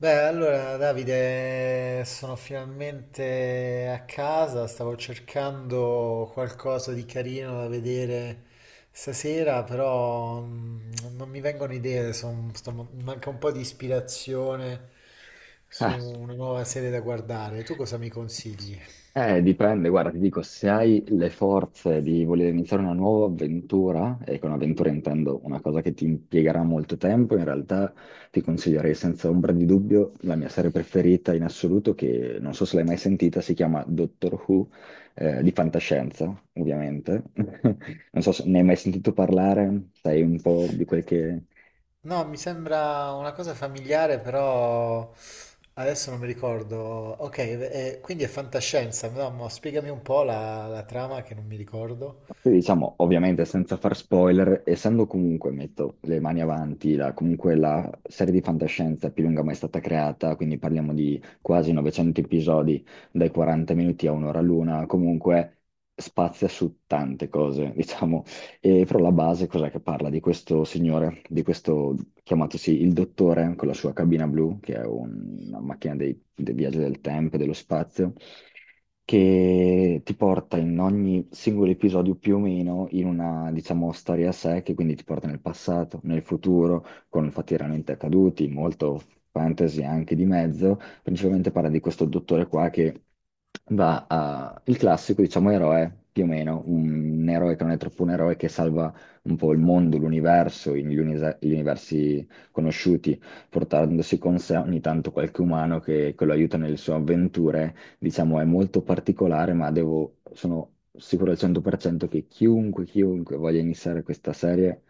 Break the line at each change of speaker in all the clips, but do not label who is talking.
Beh, allora Davide, sono finalmente a casa, stavo cercando qualcosa di carino da vedere stasera, però non mi vengono idee, mi manca un po' di ispirazione su
Eh,
una nuova serie da guardare. Tu cosa mi consigli?
Dipende, guarda, ti dico, se hai le forze di voler iniziare una nuova avventura, e con avventura intendo una cosa che ti impiegherà molto tempo, in realtà ti consiglierei senza ombra di dubbio la mia serie preferita in assoluto, che non so se l'hai mai sentita, si chiama Doctor Who, di fantascienza, ovviamente. Non so se ne hai mai sentito parlare, sai un po' di quel che...
No, mi sembra una cosa familiare, però adesso non mi ricordo. Ok, quindi è fantascienza, no? Ma spiegami un po' la trama che non mi ricordo.
Poi diciamo, ovviamente senza far spoiler, essendo comunque, metto le mani avanti, comunque la serie di fantascienza più lunga mai stata creata, quindi parliamo di quasi 900 episodi, dai 40 minuti a un'ora l'una, comunque spazia su tante cose, diciamo, e però la base cos'è che parla? Di questo signore, di questo chiamatosi il dottore con la sua cabina blu, che è una macchina dei viaggi del tempo e dello spazio, che ti porta in ogni singolo episodio più o meno in una, diciamo, storia a sé, che quindi ti porta nel passato, nel futuro, con fatti realmente accaduti, molto fantasy anche di mezzo. Principalmente parla di questo dottore qua che il classico, diciamo, eroe, più o meno, un eroe che non è troppo un eroe, che salva un po' il mondo, l'universo, gli universi conosciuti, portandosi con sé ogni tanto qualche umano che lo aiuta nelle sue avventure. Diciamo, è molto particolare, ma devo... Sono sicuro al 100% che chiunque, chiunque voglia iniziare questa serie,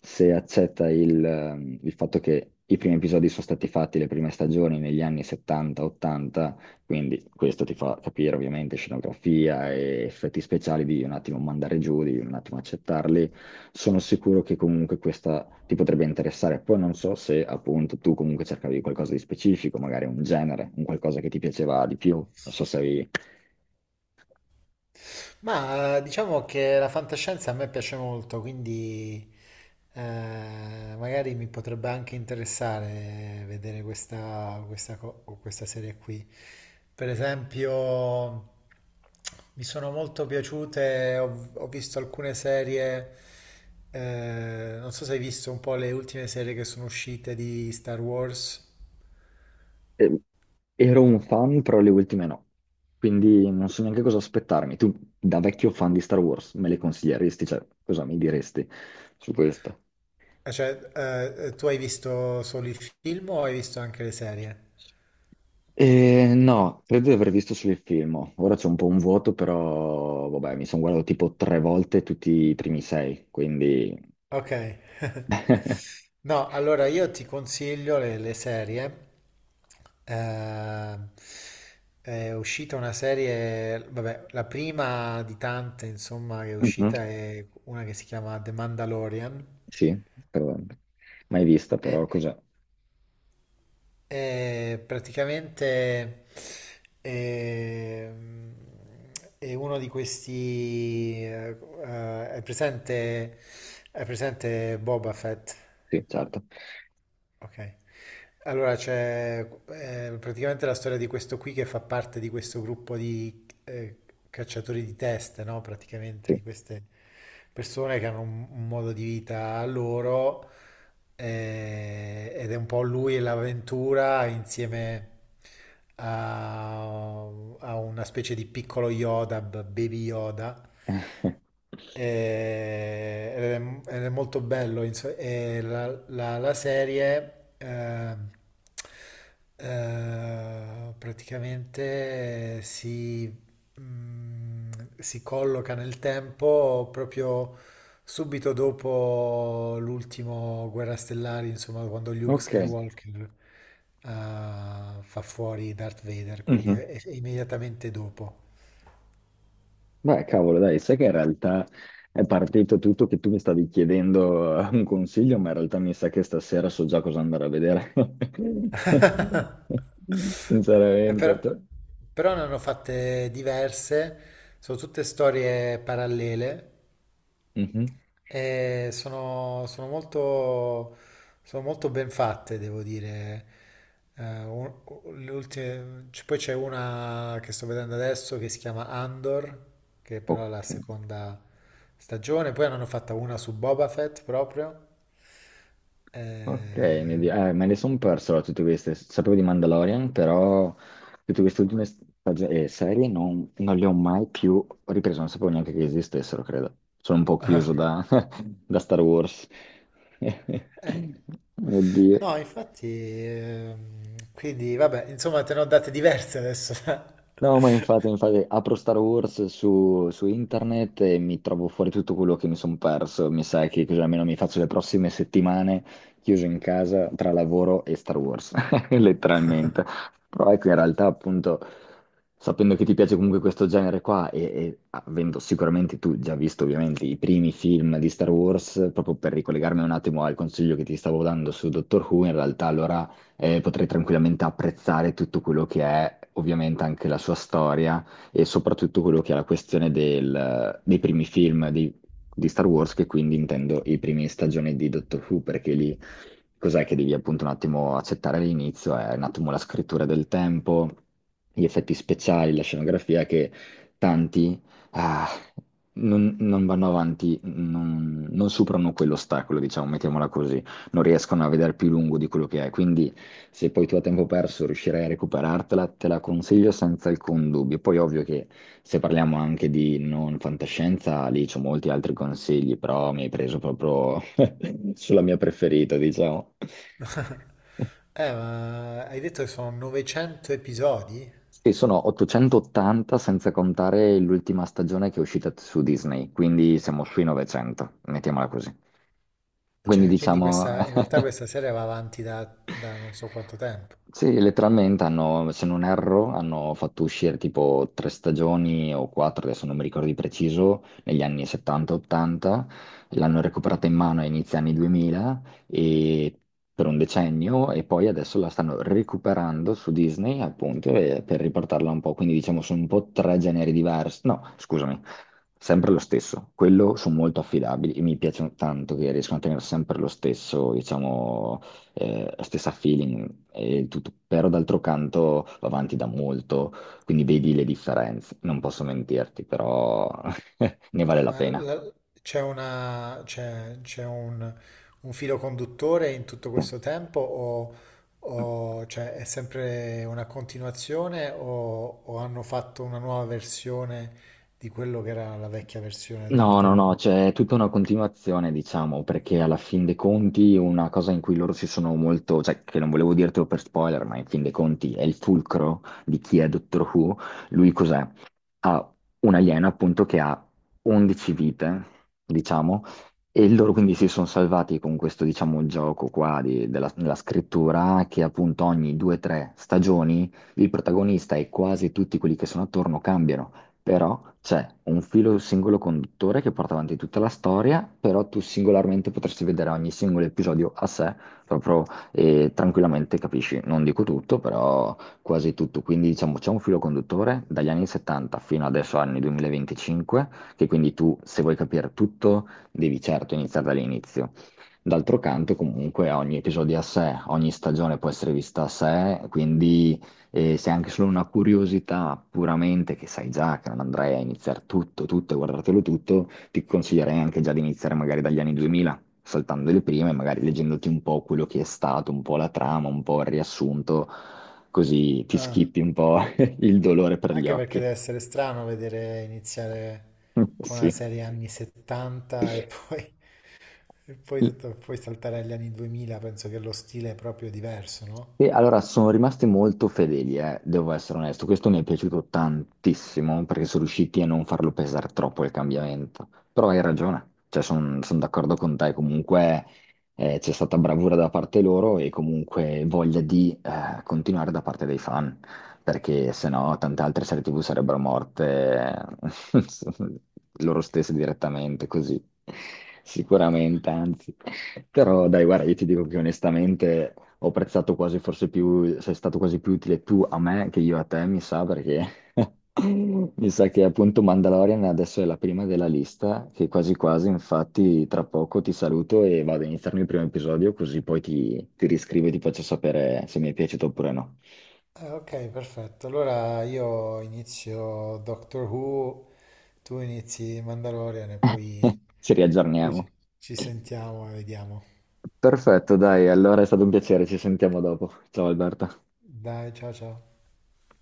se accetta il fatto che i primi episodi sono stati fatti, le prime stagioni negli anni 70-80, quindi questo ti fa capire ovviamente scenografia e effetti speciali, di un attimo mandare giù, di un attimo accettarli. Sono sicuro che comunque questa ti potrebbe interessare. Poi non so se appunto tu comunque cercavi qualcosa di specifico, magari un genere, un qualcosa che ti piaceva di più, non so se avevi...
Ma diciamo che la fantascienza a me piace molto, quindi eh, magari mi potrebbe anche interessare vedere o questa serie qui. Per esempio, mi sono molto piaciute, ho visto alcune serie. Non so se hai visto un po' le ultime serie che sono uscite di Star Wars.
Eh, ero un fan, però le ultime no. Quindi non so neanche cosa aspettarmi. Tu, da vecchio fan di Star Wars, me le consiglieresti? Cioè, cosa mi diresti su questo?
Cioè, tu hai visto solo il film o hai visto anche le serie?
No, credo di aver visto solo il film. Ora c'è un po' un vuoto, però vabbè, mi sono guardato tipo tre volte tutti i primi sei, quindi...
Ok. No, allora io ti consiglio le serie. Eh, è uscita una serie, vabbè, la prima di tante, insomma, che è
Mhm.
uscita è una che si chiama The Mandalorian.
Sì, però... mai vista, però
È,
cos'è?
è praticamente ehm, uno di questi. Eh, è presente, è presente Boba Fett.
Sì, certo.
Ok. Allora c'è, praticamente, la storia di questo qui che fa parte di questo gruppo di, cacciatori di teste, no? Praticamente
Sì.
di queste persone che hanno un modo di vita loro, ed è un po' lui e l'avventura insieme a, a una specie di piccolo Yoda, Baby Yoda, e- ed ed è molto bello. E la serie, eh, praticamente, mm, si colloca nel tempo proprio subito dopo l'ultimo Guerra Stellari, insomma, quando Luke
Ok.
Skywalker, eh, fa fuori Darth Vader, quindi
Mhm.
è immediatamente dopo.
Beh, cavolo, dai, sai che in realtà è partito tutto che tu mi stavi chiedendo un consiglio, ma in realtà mi sa che stasera so già cosa andare a vedere.
Eh, Però,
Sinceramente.
però ne hanno fatte diverse, sono tutte storie parallele
Mhm.
e sono molto ben fatte, devo dire. Eh, un- Poi c'è una che sto vedendo adesso che si chiama Andor, che però è la
Ok.
seconda stagione. Poi ne hanno fatta una su Boba Fett proprio.
Ok,
Eh,
me le sono perso allora, tutte queste. Sapevo di Mandalorian, però tutte queste ultime serie non le ho mai più riprese, non sapevo neanche che esistessero, credo. Sono un po' chiuso da, da Star Wars.
eh,
Mio Dio.
No, infatti, quindi vabbè, insomma, te ne ho date diverse adesso.
No, ma infatti, infatti apro Star Wars su internet e mi trovo fuori tutto quello che mi sono perso. Mi sa che così almeno mi faccio le prossime settimane chiuso in casa tra lavoro e Star Wars, letteralmente. Però ecco, in realtà, appunto, sapendo che ti piace comunque questo genere qua e avendo sicuramente tu già visto ovviamente i primi film di Star Wars, proprio per ricollegarmi un attimo al consiglio che ti stavo dando su Doctor Who, in realtà allora potrei tranquillamente apprezzare tutto quello che è ovviamente anche la sua storia e soprattutto quello che è la questione dei primi film di Star Wars, che quindi intendo i primi stagioni di Doctor Who, perché lì cos'è che devi appunto un attimo accettare all'inizio? È un attimo la scrittura del tempo, gli effetti speciali, la scenografia che tanti... ah, non vanno avanti, non superano quell'ostacolo, diciamo, mettiamola così, non riescono a vedere più lungo di quello che è. Quindi, se poi tu a tempo perso riuscirai a recuperartela, te la consiglio senza alcun dubbio. Poi, ovvio che se parliamo anche di non fantascienza, lì c'ho molti altri consigli, però mi hai preso proprio sulla mia preferita, diciamo.
Ma hai detto che sono 900 episodi?
Sì, sono 880 senza contare l'ultima stagione che è uscita su Disney, quindi siamo sui 900, mettiamola così. Quindi
Cioè, quindi
diciamo,
questa, in realtà, questa serie va avanti da non so quanto tempo.
sì, letteralmente hanno, se non erro, hanno fatto uscire tipo tre stagioni o quattro, adesso non mi ricordo di preciso, negli anni 70-80, l'hanno recuperata in mano a inizio anni 2000 e per un decennio e poi adesso la stanno recuperando su Disney appunto per riportarla un po', quindi diciamo sono un po' tre generi diversi, no, scusami, sempre lo stesso, quello sono molto affidabili e mi piacciono tanto che riescono a tenere sempre lo stesso, diciamo stessa feeling e il tutto, però d'altro canto va avanti da molto, quindi vedi le differenze, non posso mentirti, però ne vale
Cioè,
la pena.
c'è un filo conduttore in tutto questo tempo, o, cioè, è sempre una continuazione, o hanno fatto una nuova versione di quello che era la vecchia versione di
No,
Doctor
no,
Who?
no, c'è tutta una continuazione, diciamo, perché alla fin dei conti una cosa in cui loro si sono molto, cioè che non volevo dirtelo per spoiler, ma in fin dei conti è il fulcro di chi è Doctor Who. Lui cos'è? Ha un alieno appunto che ha 11 vite, diciamo, e loro quindi si sono salvati con questo, diciamo, gioco qua della scrittura, che appunto ogni 2-3 stagioni il protagonista e quasi tutti quelli che sono attorno cambiano, però c'è un filo singolo conduttore che porta avanti tutta la storia, però tu singolarmente potresti vedere ogni singolo episodio a sé, proprio, e tranquillamente capisci, non dico tutto, però quasi tutto. Quindi diciamo c'è un filo conduttore dagli anni 70 fino adesso anni 2025, che quindi tu se vuoi capire tutto devi certo iniziare dall'inizio. D'altro canto, comunque, ogni episodio è a sé, ogni stagione può essere vista a sé, quindi se è anche solo una curiosità puramente che sai già che non andrai a iniziare tutto, tutto e guardartelo tutto, ti consiglierei anche già di iniziare magari dagli anni 2000, saltando le prime, magari leggendoti un po' quello che è stato, un po' la trama, un po' il riassunto, così ti
Ah.
schippi un po' il dolore per gli
Anche perché
occhi.
deve essere strano vedere iniziare con una serie anni 70 e poi,
Sì.
poi saltare agli anni 2000. Penso che lo stile è proprio diverso, no?
E allora sono rimasti molto fedeli, devo essere onesto. Questo mi è piaciuto tantissimo perché sono riusciti a non farlo pesare troppo il cambiamento. Però hai ragione, cioè, sono d'accordo con te. Comunque c'è stata bravura da parte loro e comunque voglia di continuare da parte dei fan, perché se no tante altre serie TV sarebbero morte eh, loro stesse direttamente, così. Sicuramente, anzi. Però dai, guarda, io ti dico che onestamente ho apprezzato quasi, forse più, sei stato quasi più utile tu a me che io a te, mi sa, perché mi sa che appunto Mandalorian adesso è la prima della lista, che quasi quasi, infatti, tra poco ti saluto e vado a iniziarmi il primo episodio, così poi ti riscrivo e ti faccio sapere se mi è piaciuto oppure no.
Ok, perfetto. Allora io inizio Doctor Who, tu inizi Mandalorian e poi,
Ci
poi
riaggiorniamo.
ci, ci sentiamo e vediamo.
Perfetto, dai, allora è stato un piacere, ci sentiamo dopo. Ciao Alberto.
Dai, ciao ciao.